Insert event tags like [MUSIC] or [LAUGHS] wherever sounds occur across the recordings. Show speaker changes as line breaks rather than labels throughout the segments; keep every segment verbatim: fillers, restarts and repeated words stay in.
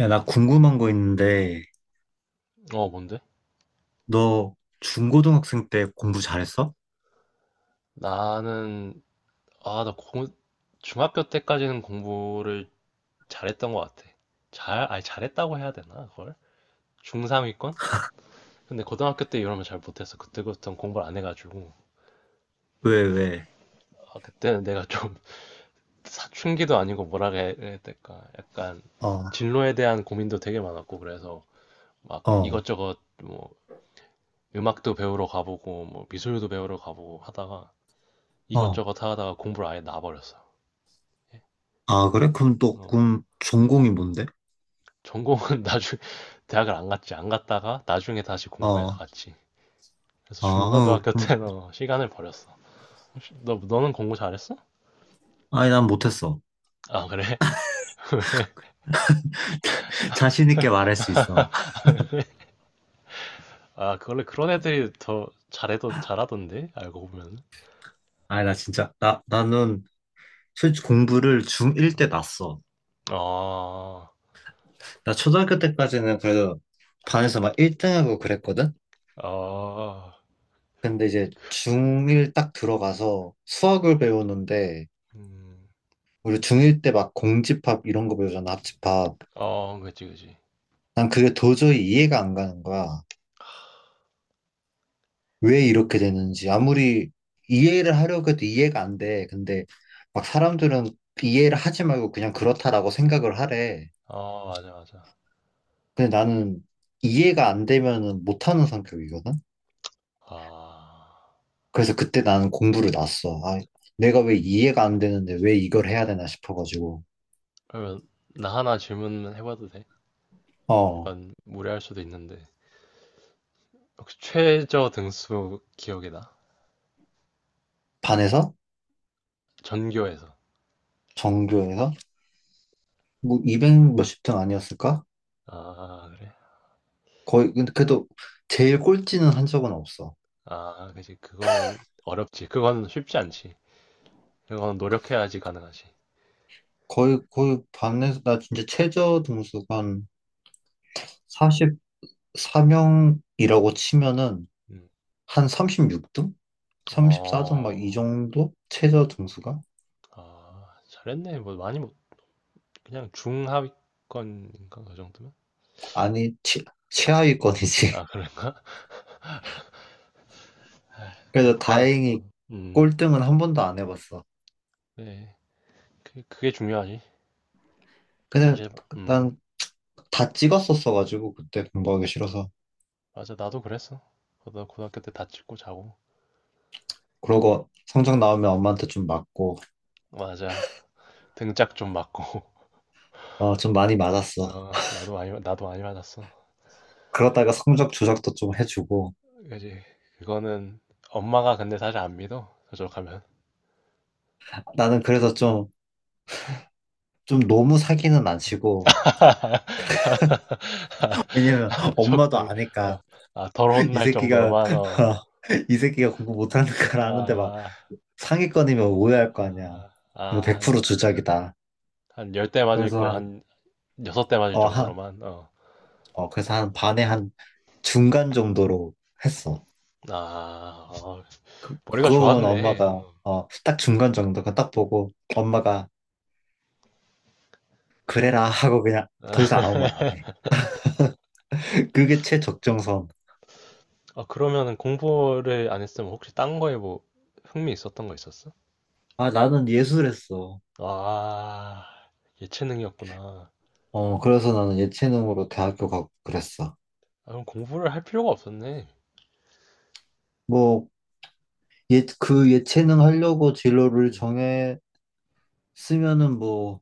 야, 나 궁금한 거 있는데,
어, 뭔데?
너 중고등학생 때 공부 잘했어?
나는, 아, 나 공, 중학교 때까지는 공부를 잘했던 것 같아. 잘, 아니, 잘했다고 해야 되나, 그걸? 중삼 위권? 근데 고등학교 때 이러면 잘 못했어. 그때부터는 공부를 안 해가지고.
왜, 왜?
아, 그때는 내가 좀 [LAUGHS] 사춘기도 아니고 뭐라 해야 될까. 약간
어,
진로에 대한 고민도 되게 많았고, 그래서 막
어,
이것저것 뭐 음악도 배우러 가보고, 뭐 미술도 배우러 가보고 하다가
어.
이것저것 하다가 공부를 아예 놔버렸어. 예.
아,
근데,
그래? 그럼 또,
어.
그럼 전공이 뭔데?
전공은 [LAUGHS] 나중에 대학을 안 갔지. 안 갔다가 나중에 다시 공부해서
어,
갔지. 그래서
아, 어,
중고등학교
그럼,
때는 어, 시간을 버렸어. 혹시 너 너는 공부 잘했어?
아니, 난 못했어.
아, 그래?
[LAUGHS] 자신 있게 말할 수 있어. [LAUGHS]
아, 그 원래 그런 애들이 더 잘해던 잘하던데. 알고 보면.
아니, 나 진짜, 나, 나는 솔직히 공부를 중일 때 났어.
아.
나 초등학교 때까지는 그래도 반에서 막 일 등하고 그랬거든?
아.
근데 이제 중일 딱 들어가서 수학을 배우는데,
음.
우리 중일 때 막 공집합 이런 거 배우잖아, 합집합.
어, 그치, 그치.
난 그게 도저히 이해가 안 가는 거야. 왜 이렇게 되는지. 아무리 이해를 하려고 해도 이해가 안 돼. 근데 막 사람들은 이해를 하지 말고 그냥 그렇다라고 생각을 하래.
아, 맞아, 맞아.
근데 나는 이해가 안 되면은 못하는 성격이거든?
아.
그래서 그때 나는 공부를 놨어. 아, 내가 왜 이해가 안 되는데 왜 이걸 해야 되나 싶어가지고.
그러면 나 하나 질문해 봐도 돼?
어,
약간 무례할 수도 있는데. 혹시 최저 등수 기억이 나?
반에서?
전교에서.
전교에서? 뭐 이백 몇십 등 아니었을까?
아, 그래.
거의 근데 그래도 제일 꼴찌는 한 적은 없어.
아, 그지. 그거는 어렵지. 그거는 쉽지 않지. 그거는 노력해야지 가능하지.
거의 거의 반에서 나 진짜 최저 등수가 한 사십사 명이라고 치면은
음.
한 삼십육 등? 삼십사 등 막 이
어,
정도? 최저 등수가?
아, 잘했네. 뭐 많이 못, 그냥 중하위권인가 그 정도면?
아니 최, 최하위권이지.
아,
[LAUGHS]
그래. [LAUGHS]
그래서
공부가, 어,
다행히
음,
꼴등은 한 번도 안 해봤어.
네. 그, 그게 중요하지.
근데
사실, 음,
난 다 찍었었어가지고 그때 공부하기 싫어서
맞아. 나도 그랬어. 나도 고등학교 때 다치고 자고.
그러고 성적 나오면 엄마한테 좀 맞고
맞아. 등짝 좀 맞고. [LAUGHS]
어 좀 많이 맞았어.
어, 나도 많이, 나도 많이 맞았어.
그러다가 성적 조작도 좀 해주고
그지. 그거는 엄마가 근데 사실 안 믿어. 저쪽 하면.
나는 그래서 좀, 좀 너무 사기는 안 치고, 왜냐면
[LAUGHS]
엄마도
적당히.
아니까,
어. 아 덜
이
혼날
새끼가,
정도로만. 어.
[LAUGHS] 이 새끼가 공부 못하는 걸 아는데 막
아.
상위권이면 오해할 거 아니야.
아.
이거
아 한
백 프로 주작이다.
한 열 대 맞을
그래서
거
한,
한 여섯 대 맞을
어, 한,
정도로만. 어.
어, 그래서 한 반에 한 중간 정도로 했어.
아. 어
그,
머리가
그거 보면
좋았네.
엄마가,
어.
어, 딱 중간 정도, 그거 딱 보고, 엄마가, 그래라 하고 그냥 더 이상 아무 말 안 해.
[LAUGHS]
[LAUGHS] 그게 최적정선.
아 그러면은 공부를 안 했으면 혹시 딴 거에 뭐 흥미 있었던 거 있었어?
아, 나는 예술했어.
아. 예체능이었구나.
어, 그래서 나는 예체능으로 대학교 가고 그랬어.
아 그럼 공부를 할 필요가 없었네.
뭐, 예, 그 예체능 하려고 진로를
음.
정했으면은 뭐,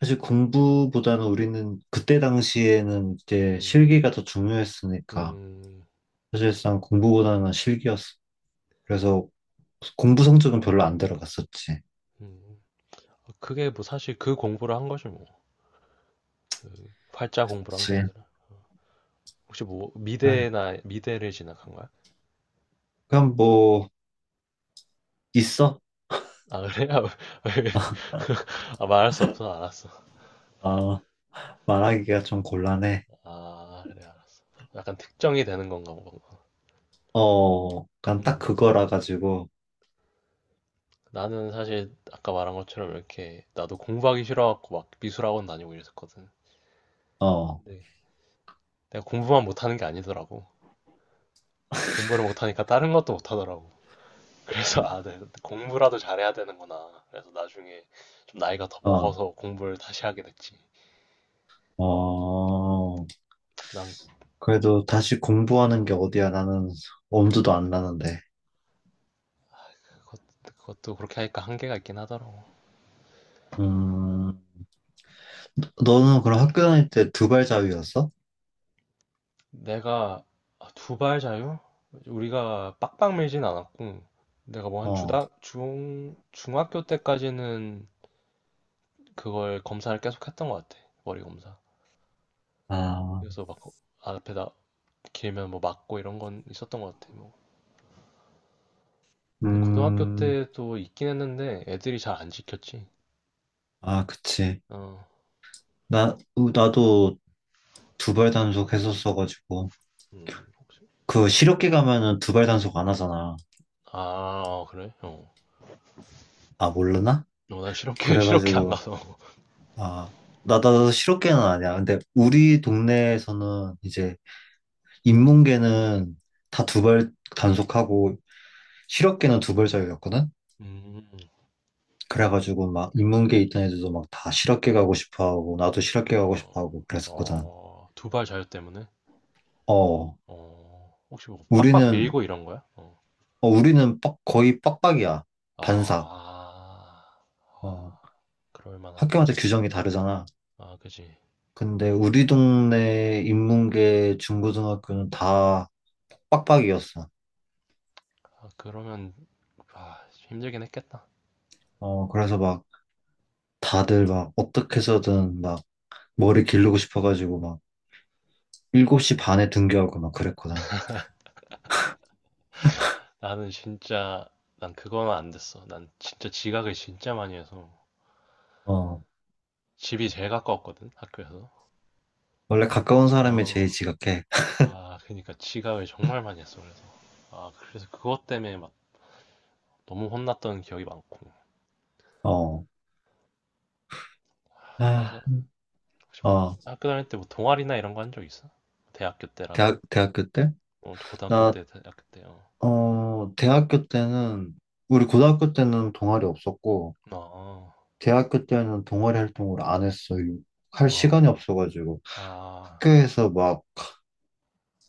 사실 공부보다는 우리는 그때 당시에는 이제
음.
실기가 더 중요했으니까,
음.
사실상 공부보다는 실기였어. 그래서 공부 성적은 별로 안 들어갔었지.
음. 그게 뭐 사실 그 공부를 한 거지 뭐. 그 활자 공부를 한 게
그치.
아니라. 혹시 뭐
네.
미대나 미대를 진학한 거야?
그럼 뭐, 있어?
아 그래? 아, 왜- [LAUGHS] 아, 말할 수 없어 알았어.
어, 말하기가 좀 곤란해.
아 그래 알았어. 약간 특정이 되는 건가 뭔가.
어, 그냥 딱
음
그거라 가지고,
나는 사실 아까 말한 것처럼 이렇게 나도 공부하기 싫어갖고 막 미술학원 다니고 이랬었거든.
어,
근데 내가 공부만 못하는 게 아니더라고. 공부를 못하니까 다른 것도 못하더라고. 그래서 아, 네, 공부라도 잘해야 되는구나. 그래서 나중에 좀 나이가 더
어,
먹어서 공부를 다시 하게 됐지.
어.
그다음
그래도 다시 공부하는 게
음,
어디야? 나는 엄두도 안 나는데.
그것, 그것도 그렇게 하니까 한계가 있긴 하더라고.
음, 너는 그럼 학교 다닐 때 두발 자유였어?
내가 아, 두발 자유 우리가 빡빡 밀진 않았고 내가 뭐 한
어,
주당 중 중학교 때까지는 그걸 검사를 계속 했던 것 같아. 머리 검사.
아,
그래서 막 거- 앞에다 길면 뭐 맞고 이런 건 있었던 것 같아. 뭐 근데 고등학교
음,
때도 있긴 했는데 애들이 잘 안 지켰지.
아, 그치.
어.
나, 으, 나도 두발 단속 했었어가지고.
음, 혹시? 어,
그 실업계 가면은 두발 단속 안 하잖아.
아, 그래? 어.
아, 모르나?
어, 난 실업계, [LAUGHS] 실업계 안
그래가지고,
가서.
아, 나, 나도 실업계는 아니야. 근데
음,
우리 동네에서는 이제 인문계는 다 두발 단속하고 실업계는 두발 자유였거든?
음,
그래가지고 막 인문계 있던 애들도 막 다 실업계 가고 싶어 하고 나도 실업계 가고 싶어
어,
하고 그랬었거든.
어, 두발 자유 때문에?
어,
어, 혹시 뭐 빡빡
우리는
밀고 이런 거야? 어.
어, 우리는 빡, 거의 빡빡이야. 반삭.
아, 아,
어,
그럴 만하네.
학교마다 규정이 다르잖아.
아, 그지.
근데 우리 동네 인문계 중고등학교는 다 빡빡이었어.
아, 그러면, 아, 힘들긴 했겠다.
어, 그래서 막 다들 막 어떻게 해서든 막 머리 기르고 싶어가지고 막 일곱 시
그지.
반에 등교하고 막 그랬거든.
나는 진짜, 난 그거는 안 됐어. 난 진짜 지각을 진짜 많이 해서.
어,
집이 제일 가까웠거든, 학교에서.
원래 가까운 사람이 제일
어,
지각해.
아, 그러니까 지각을 정말 많이 했어, 그래서. 아, 그래서 그것 때문에 막 너무 혼났던 기억이 많고.
어, 아,
그래서 혹시 뭐
어.
학교 다닐 때 뭐 동아리나 이런 거 한 적 있어? 대학교 때라도?
대학, 대학교 때?
어, 고등학교
나,
때, 대학교 때요.
어, 대학교 때는, 우리 고등학교 때는 동아리 없었고,
어, 어,
대학교 때는 동아리 활동을 안 했어요. 할
어,
시간이
어.
없어가지고.
아,
학교에서 막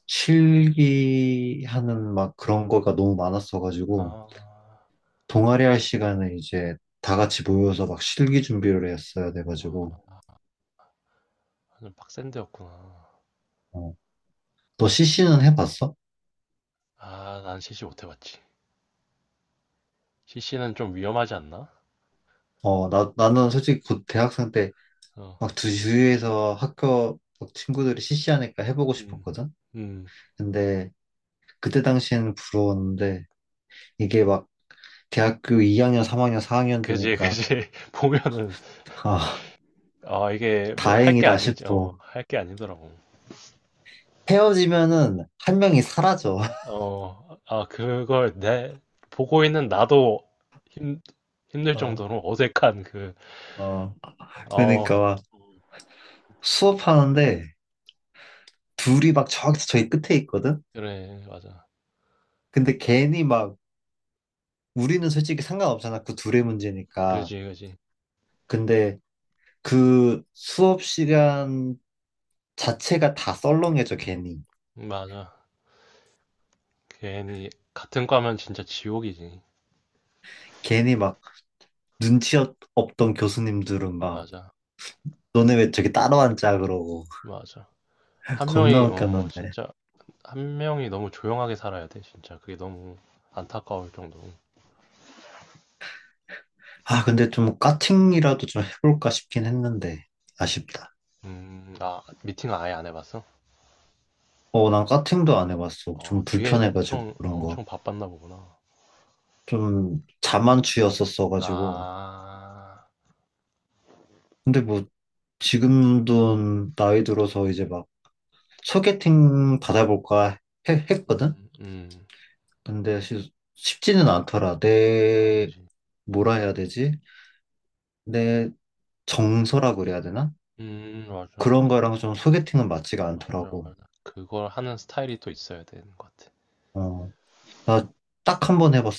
실기하는 막 그런 거가 너무 많았어가지고,
아,
동아리 할 시간에 이제 다 같이 모여서 막 실기 준비를 했어야 돼가지고,
아, 완전 빡센 데였구나.
어. 너 씨씨는 해봤어?
아, 난 씨씨 못 해봤지. 씨씨는 좀 위험하지 않나?
어, 나, 나는 솔직히 곧 대학생 때
어,
막 주위에서 학교 막 친구들이 씨씨 하니까 해보고
음,
싶었거든?
음,
근데 그때 당시에는 부러웠는데 이게 막 대학교 이 학년, 삼 학년, 사 학년
그지,
되니까
그지. [LAUGHS] 보면은,
아,
아, 이게 뭐 할 게
다행이다
아니지,
싶어.
어, 할 게 아니더라고.
헤어지면은 한 명이 사라져.
어, 아, 그걸 내, 보고 있는 나도 힘, 힘들 정도로
[LAUGHS]
어색한 그,
어, 어. 그러니까
어,
막 수업하는데 둘이 막 저기 저기 끝에 있거든?
그래, 맞아.
근데 괜히 막 우리는 솔직히 상관없잖아. 그 둘의 문제니까.
그지, 그지.
근데 그 수업 시간 자체가 다 썰렁해져, 괜히.
맞아. 괜히, 같은 과면 진짜 지옥이지.
괜히 막 눈치 없- 없던 교수님들은 막
맞아,
너네 왜 저기 따로 앉아 그러고
맞아.
[LAUGHS]
한
겁나
명이, 어,
웃겼는데
진짜, 한 명이 너무 조용하게 살아야 돼, 진짜. 그게 너무 안타까울 정도로.
아 근데 좀 까팅이라도 좀 해볼까 싶긴 했는데 아쉽다
음, 아, 미팅 아예 안 해봤어?
어 난 까팅도 안 해봤어
어,
좀
되게
불편해가지고
엄청, 아,
그런 거
엄청 바빴나 보구나.
좀
음.
자만추였었어가지고
아,
근데 뭐 지금도 나이 들어서 이제 막 소개팅 받아볼까 해- 했거든
음, 음,
근데 시- 쉽지는 않더라
아,
내
그지.
뭐라 해야 되지 내 정서라 그래야 되나
음, 맞아.
그런 거랑 좀 소개팅은 맞지가
맞아,
않더라고
맞아. 그걸 하는 스타일이 또 있어야 되는 것 같아.
어 나 딱 한 번 해봤어.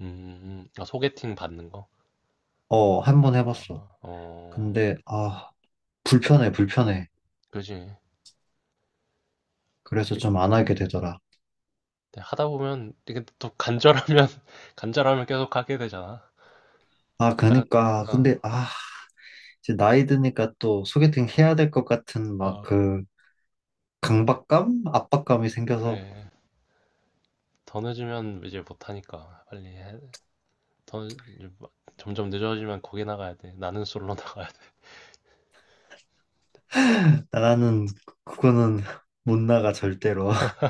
음, 아, 소개팅 받는 거?
어, 한 번 해봤어.
아, 어,
근데, 아, 불편해, 불편해.
그지. 근데
그래서 좀 안 하게 되더라.
근데 하다 보면, 이게 또 간절하면, [LAUGHS] 간절하면 계속 하게 되잖아.
아,
약간,
그니까.
어,
근데, 아, 이제 나이 드니까 또 소개팅
어,
해야 될 것 같은 막
어.
그 강박감? 압박감이 생겨서
그래. 더 늦으면 이제 못하니까. 빨리 해. 더, 늦- 이제 막 점점 늦어지면 거기 나가야 돼. 나는 솔로 [LAUGHS] 나가야 돼.
나는 그거는 못 나가, 절대로. [LAUGHS]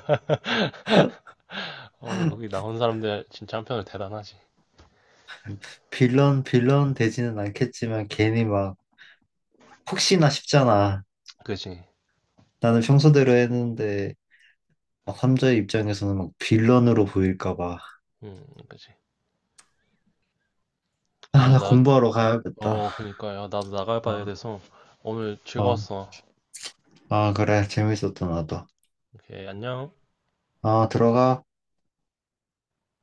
어, 거기 나온 사람들 진짜 한편으로 대단하지.
빌런, 빌런 되지는 않겠지만 괜히 막 혹시나 싶잖아.
그지.
나는 평소대로 했는데 막 삼자의 입장에서는 막 빌런으로 보일까 봐.
음, 그지.
아,
어,
나
나
공부하러 가야겠다.
어, 그니까요. 나도 나가봐야
아.
돼서 오늘
어,
즐거웠어.
아, 그래. 재밌었다, 나도.
오케이, 안녕.
아, 들어가.